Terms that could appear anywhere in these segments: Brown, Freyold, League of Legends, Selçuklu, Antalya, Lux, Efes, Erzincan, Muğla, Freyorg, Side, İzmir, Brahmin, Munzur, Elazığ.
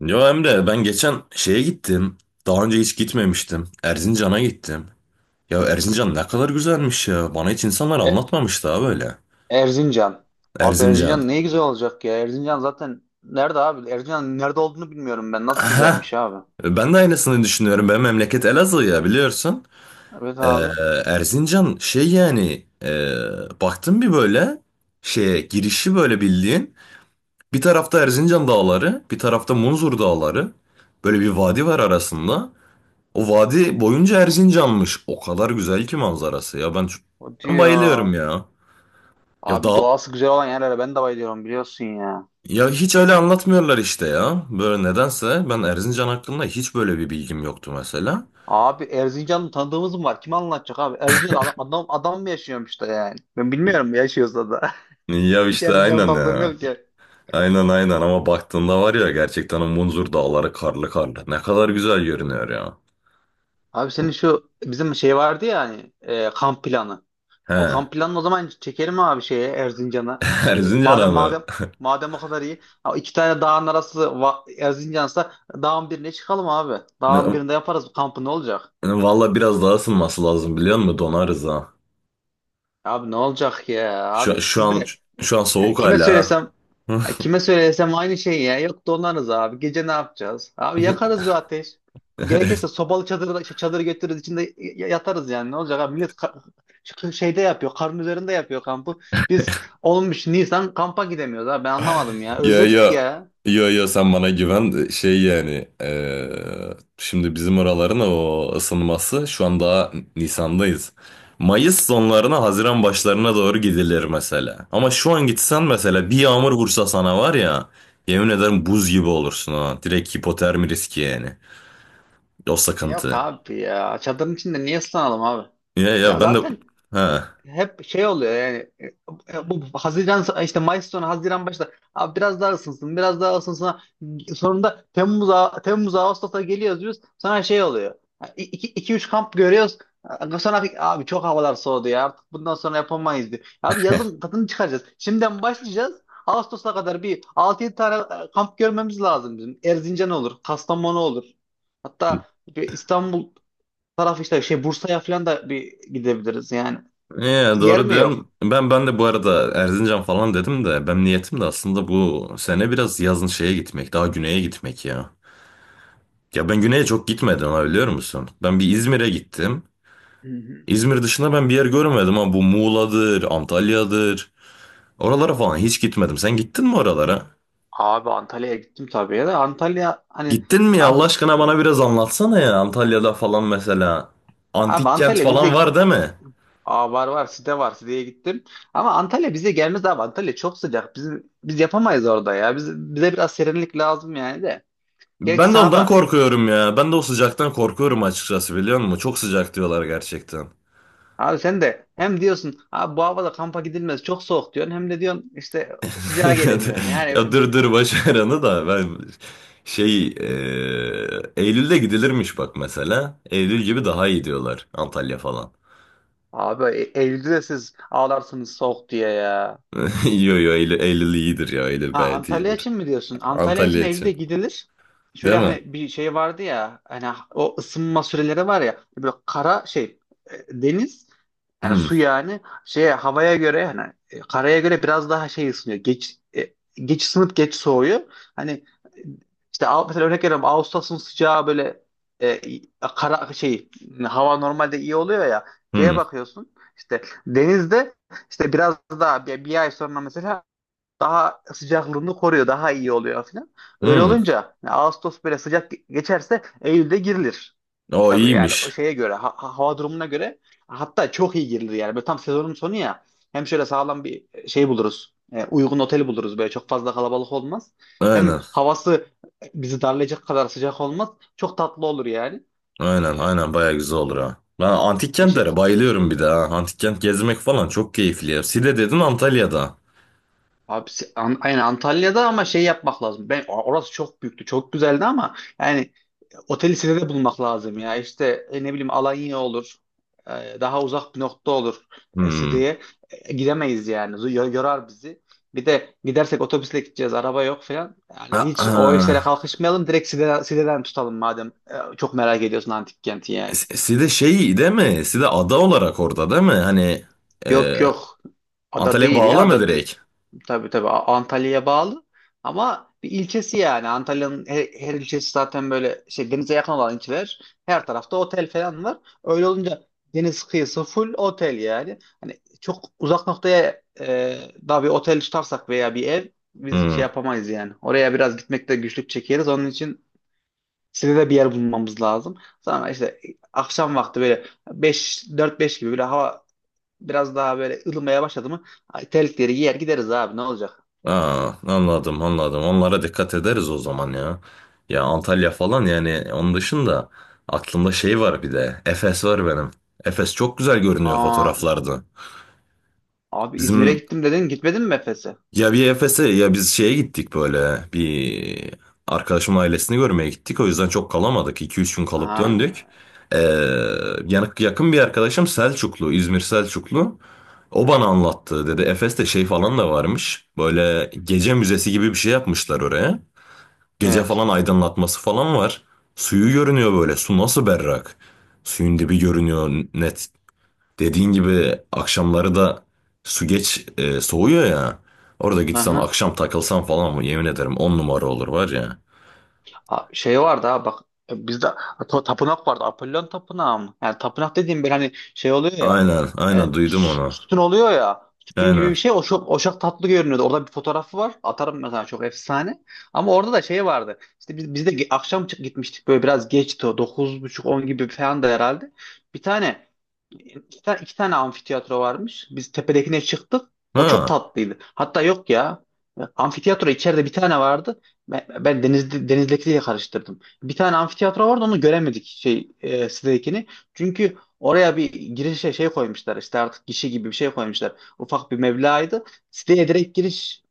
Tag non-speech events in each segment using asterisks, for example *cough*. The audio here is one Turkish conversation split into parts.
Yo Emre ben geçen şeye gittim. Daha önce hiç gitmemiştim. Erzincan'a gittim. Ya Erzincan ne kadar güzelmiş ya. Bana hiç insanlar E- anlatmamış daha böyle. Erzincan. Abi Erzincan. Erzincan ne güzel olacak ya. Erzincan zaten nerede abi? Erzincan'ın nerede olduğunu bilmiyorum ben. Nasıl Aha. güzelmiş abi. Ben de aynısını düşünüyorum. Benim memleket Elazığ ya biliyorsun. Evet Ee, abi. Erzincan şey yani baktım bir böyle şeye girişi böyle bildiğin. Bir tarafta Erzincan dağları, bir tarafta Munzur dağları. Böyle bir vadi var arasında. O vadi boyunca Erzincan'mış. O kadar güzel ki manzarası ya. O Ben bayılıyorum diyor. ya. Ya Abi da doğası güzel olan yerlere ben de bayılıyorum biliyorsun ya. ya hiç öyle anlatmıyorlar işte ya. Böyle nedense ben Erzincan hakkında hiç böyle bir bilgim yoktu mesela. Abi Erzincan'ın tanıdığımız mı var? Kim anlatacak abi? Erzincan adam, adam, adam mı yaşıyormuş da yani? Ben bilmiyorum yaşıyorsa da. Ya *laughs* Hiç işte Erzincan'ın aynen tanıdığım ya. yok ki. Aynen aynen ama baktığında var ya gerçekten o Munzur dağları karlı karlı. Ne kadar güzel görünüyor ya. Abi senin şu bizim şey vardı ya hani kamp planı. O He. kamp planını o zaman çekelim abi şeye Erzincan'a. *laughs* E, Erzincan'a Madem mı? madem madem o kadar iyi. Ha, iki tane dağın arası Erzincan'sa dağın birine çıkalım abi. Dağın Ne- birinde yaparız bu kampı, ne olacak? Valla biraz daha ısınması lazım biliyor musun? Donarız ha. Abi ne olacak ya? Şu, Abi şu siz an de şu an he, soğuk kime hala. söylesem. Ha. Ay, kime söylesem aynı şey ya. Yok, donarız abi. Gece ne yapacağız? Abi, *laughs* yakarız bir ateş. Gerekirse *laughs* sobalı çadır, şey, çadır götürürüz, içinde yatarız yani. Ne olacak abi? Millet şu şeyde yapıyor. Karın üzerinde yapıyor kampı. Biz olmuş Nisan kampa gidemiyoruz abi. Ben anlamadım ya. Ya Özledik ya ya. ya ya sen bana güven şey yani şimdi bizim oraların o ısınması şu an daha Nisan'dayız. Mayıs sonlarına Haziran başlarına doğru gidilir mesela. Ama şu an gitsen mesela bir yağmur vursa sana var ya yemin ederim buz gibi olursun ha. Direkt hipotermi riski yani. O Yok sıkıntı. abi ya. Çadırın içinde niye ıslanalım abi? Ya ya Ya ben de zaten ha. hep şey oluyor yani, bu Haziran işte, Mayıs sonu Haziran başta abi biraz daha ısınsın biraz daha ısınsın, sonunda Temmuz Ağustos'a geliyoruz diyoruz, sonra şey oluyor, 2 3 kamp görüyoruz, sonra abi çok havalar soğudu ya, artık bundan sonra yapamayız diyor. Abi yazın tadını çıkaracağız. Şimdiden başlayacağız. Ağustos'a kadar bir altı yedi tane kamp görmemiz lazım bizim. Erzincan olur, Kastamonu olur. Hatta bir İstanbul tarafı işte şey Bursa'ya falan da bir gidebiliriz yani. Yer Doğru mi yok? diyorsun. Ben de bu arada Erzincan falan dedim de ben niyetim de aslında bu sene biraz yazın şeye gitmek, daha güneye gitmek ya. Ya ben güneye çok gitmedim ha biliyor musun? Ben bir İzmir'e gittim. Hı hı. İzmir dışında ben bir yer görmedim ama bu Muğla'dır, Antalya'dır. Oralara falan hiç gitmedim. Sen gittin mi oralara? Abi Antalya'ya gittim tabii ya da Antalya hani Gittin mi ya Allah abi, aşkına bana biraz anlatsana ya Antalya'da falan mesela. abi Antik kent Antalya falan bize. var değil mi? Aa, var var, site var, siteye gittim. Ama Antalya bize gelmez abi. Antalya çok sıcak. Biz yapamayız orada ya. Bize biraz serinlik lazım yani de. Gerçi Ben de sana ondan da korkuyorum ya. Ben de o sıcaktan korkuyorum açıkçası biliyor musun? Çok sıcak diyorlar gerçekten. abi, sen de hem diyorsun abi bu havada kampa gidilmez çok soğuk diyorsun, hem de diyorsun işte sıcağa *laughs* Ya, d- gelemiyorum. ya Yani dur dur boş ver onu da ben şey Eylül'de gidilirmiş bak mesela. Eylül gibi daha iyi diyorlar Antalya falan. abi, Eylül'de de siz ağlarsınız soğuk diye ya. *laughs* Yo yo Eylül, Eylül iyidir ya Eylül Ha, gayet Antalya iyidir. için mi diyorsun? Antalya için Antalya Eylül'de için gidilir. değil Şöyle mi? hani bir şey vardı ya, hani o ısınma süreleri var ya, böyle kara şey, deniz yani, Hmm, su yani, şey havaya göre hani, karaya göre biraz daha şey ısınıyor. Geç ısınıp geç soğuyor. Hani e, işte mesela örnek veriyorum, Ağustos'un sıcağı böyle, e, kara şey, hava normalde iyi oluyor ya, hmm, şeye bakıyorsun işte denizde, işte biraz daha bir ay sonra mesela daha sıcaklığını koruyor, daha iyi oluyor falan. Öyle hmm. olunca yani Ağustos böyle sıcak geçerse Eylül'de girilir. O Tabii yani o iyiymiş. şeye göre, hava durumuna göre hatta çok iyi girilir yani. Böyle tam sezonun sonu ya. Hem şöyle sağlam bir şey buluruz. Uygun oteli buluruz, böyle çok fazla kalabalık olmaz. Hem Aynen havası bizi darlayacak kadar sıcak olmaz. Çok tatlı olur yani. aynen aynen baya güzel olur ha. Ben antik E, kentlere şey, bayılıyorum bir de ha. Antik kent gezmek falan çok keyifli ya. Side dedin Antalya'da. Abi, se- An- aynen Antalya'da, ama şey yapmak lazım. Ben orası çok büyüktü, çok güzeldi, ama yani oteli size de bulmak lazım ya. İşte ne bileyim, Alanya olur, daha uzak bir nokta olur, Hmm. Side'ye gidemeyiz yani. Yorar bizi. Bir de gidersek otobüsle gideceğiz, araba yok falan. Yani hiç o işlere *clears throat* kalkışmayalım. Direkt Side'den tutalım madem. Çok merak ediyorsun antik kenti yani. Side şey değil mi? Side ada olarak orada değil mi? Hani e, Yok yok. Ada Antalya'ya değil ya, bağlı mı ada değil. direkt? Tabii tabii, Antalya'ya bağlı, ama bir ilçesi yani. Antalya'nın her ilçesi zaten böyle şey, denize yakın olan ilçeler, her tarafta otel falan var. Öyle olunca deniz kıyısı full otel yani. Hani çok uzak noktaya daha bir otel tutarsak veya bir ev, biz şey Hmm. yapamayız yani. Oraya biraz gitmekte güçlük çekeriz. Onun için size de bir yer bulmamız lazım. Sonra işte akşam vakti böyle beş dört beş gibi böyle hava biraz daha böyle ılımaya başladı mı, ay, terlikleri giyer gideriz abi, ne olacak? Aa, anladım anladım. Onlara dikkat ederiz o zaman ya. Ya Antalya falan yani onun dışında aklımda şey var bir de. Efes var benim. Efes çok güzel görünüyor Aa, fotoğraflarda. abi İzmir'e Bizim gittim dedin, gitmedin mi Efes'e? Ya bir Efes'e ya biz şeye gittik böyle bir arkadaşımın ailesini görmeye gittik. O yüzden çok kalamadık. İki üç gün kalıp döndük. Ha, Ee, yani yakın bir arkadaşım Selçuklu, İzmir Selçuklu. O bana anlattı dedi. Efes'te şey falan da varmış. Böyle gece müzesi gibi bir şey yapmışlar oraya. Gece evet. falan aydınlatması falan var. Suyu görünüyor böyle. Su nasıl berrak. Suyun dibi görünüyor net. Dediğin gibi akşamları da su geç soğuyor ya. Orada gitsen Aha. akşam takılsan falan mı yemin ederim 10 numara olur var ya. Aa, şey vardı ha bak, bizde tapınak vardı, Apollon tapınağı mı? Yani tapınak dediğim bir, hani şey oluyor ya, Aynen aynen duydum onu. sütun oluyor ya, sütun gibi bir Aynen. şey, oşak, oşak tatlı görünüyordu. Orada bir fotoğrafı var, atarım mesela, çok efsane. Ama orada da şey vardı işte, biz de akşam gitmiştik böyle, biraz geçti, dokuz buçuk on gibi falan da herhalde. Bir tane İki, ta- iki tane amfiteyatro varmış. Biz tepedekine çıktık. O çok Ha, tatlıydı. Hatta yok ya. Amfiteyatro içeride bir tane vardı. Ben denizdekiyle karıştırdım. Bir tane amfiteyatro vardı, onu göremedik şey, sitedekini. Çünkü oraya bir girişe şey koymuşlar işte, artık gişe gibi bir şey koymuşlar. Ufak bir meblağydı. Siteye direkt giriş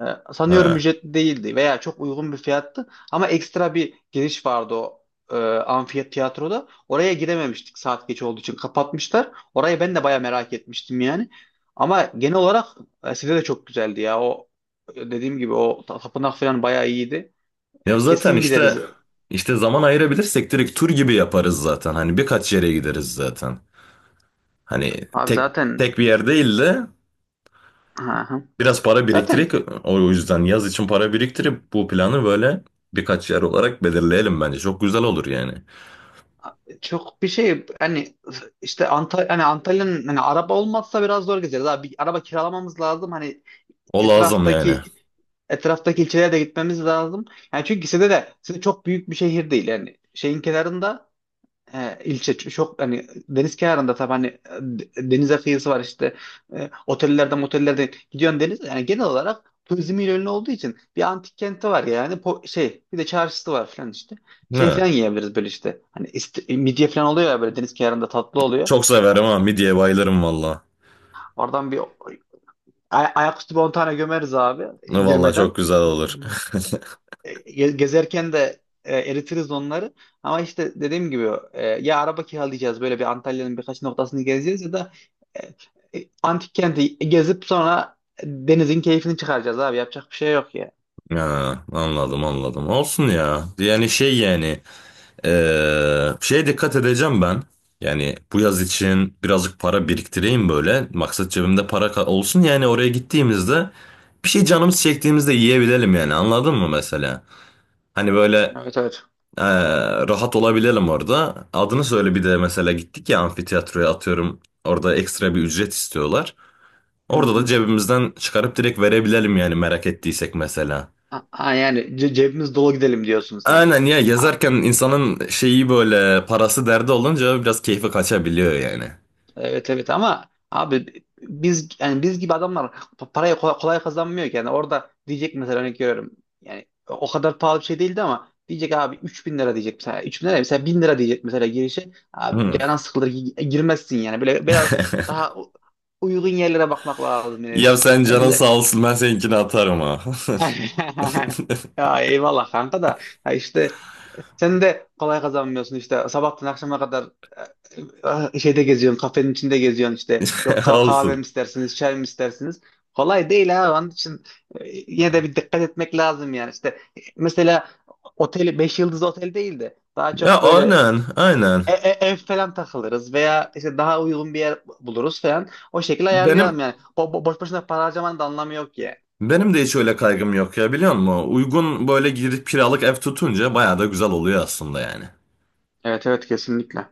ee, sanıyorum ha. ücretli değildi veya çok uygun bir fiyattı, ama ekstra bir giriş vardı o amfi tiyatroda. Oraya girememiştik, saat geç olduğu için kapatmışlar. Orayı ben de baya merak etmiştim yani. Ama genel olarak size de çok güzeldi ya. O dediğim gibi o tapınak falan baya iyiydi. Ya Yani zaten kesin işte gideriz. işte zaman ayırabilirsek direkt tur gibi yaparız zaten. Hani birkaç yere gideriz zaten. Hani Abi tek zaten. tek bir yer değil de Hı hı. biraz para Zaten biriktirip o yüzden yaz için para biriktirip bu planı böyle birkaç yer olarak belirleyelim bence. Çok güzel olur yani. çok bir şey hani, işte Antalya, hani Antalya'nın hani araba olmazsa biraz zor gezeriz. Abi bir araba kiralamamız lazım. Hani O lazım yani. etraftaki etraftaki ilçelere de gitmemiz lazım. Yani çünkü ikisi de ikisi çok büyük bir şehir değil. Yani şeyin kenarında ilçe, çok hani deniz kenarında, tabii hani denize kıyısı var işte, otellerde motellerde gidiyorsun, deniz yani, genel olarak turizmiyle ünlü olduğu için, bir antik kenti var yani, şey, bir de çarşısı var falan işte, şey Ne? falan yiyebiliriz, böyle işte hani midye falan oluyor ya, böyle deniz kenarında tatlı oluyor, Çok severim ama midyeye bayılırım valla. oradan bir ayaküstü bir 10 tane gömeriz abi Valla girmeden. çok güzel olur. *laughs* Gezerken de eritiriz onları. Ama işte dediğim gibi ya araba kiralayacağız böyle, bir Antalya'nın birkaç noktasını gezeceğiz, ya da antik kenti gezip sonra denizin keyfini çıkaracağız abi. Yapacak bir şey yok ya. Ha, anladım anladım. Olsun ya. Yani şey yani şeye dikkat edeceğim ben. Yani bu yaz için birazcık para biriktireyim böyle. Maksat cebimde para olsun yani oraya gittiğimizde bir şey canımız çektiğimizde yiyebilelim yani anladın mı mesela? Hani böyle Evet evet. eee, rahat olabilelim orada. Adını söyle bir de mesela gittik ya amfiteyatroya atıyorum. Orada ekstra bir ücret istiyorlar. Hı Orada da hı. cebimizden çıkarıp direkt verebilelim yani merak ettiysek mesela. Yani cebimiz dolu gidelim diyorsun sen. Aynen ya A- yazarken insanın şeyi böyle parası derdi olunca biraz keyfi kaçabiliyor yani. Evet evet, ama abi biz yani biz gibi adamlar parayı kolay kolay kazanmıyor ki. Yani orada diyecek mesela, örnek görüyorum. Yani o kadar pahalı bir şey değildi, ama diyecek abi 3.000 lira, diyecek mesela 3.000 lira, mesela 1.000 lira diyecek mesela girişe. Abi Hmm. canan sıkılır, girmezsin yani. Böyle biraz *laughs* daha uygun yerlere bakmak lazım yine Ya biz. sen Yani canın sağ bize olsun ben seninkini atarım ha. *laughs* ya eyvallah kanka, da ya işte sen de kolay kazanmıyorsun işte. Sabahtan akşama kadar şeyde geziyorsun, kafenin içinde geziyorsun işte. Yok *laughs* kahve mi Olsun. istersiniz, çay mı istersiniz? Kolay değil ha. Onun için yine de bir dikkat etmek lazım yani. İşte mesela oteli 5 yıldızlı otel değil de daha Ya çok böyle aynen aynen. Ev falan takılırız, veya işte daha uygun bir yer buluruz falan. O şekilde ayarlayalım Benim yani. O boş boşuna para harcamanın da anlamı yok ya. benim de hiç öyle kaygım yok ya biliyor musun? Uygun böyle girip kiralık ev tutunca bayağı da güzel oluyor aslında yani. Evet evet kesinlikle.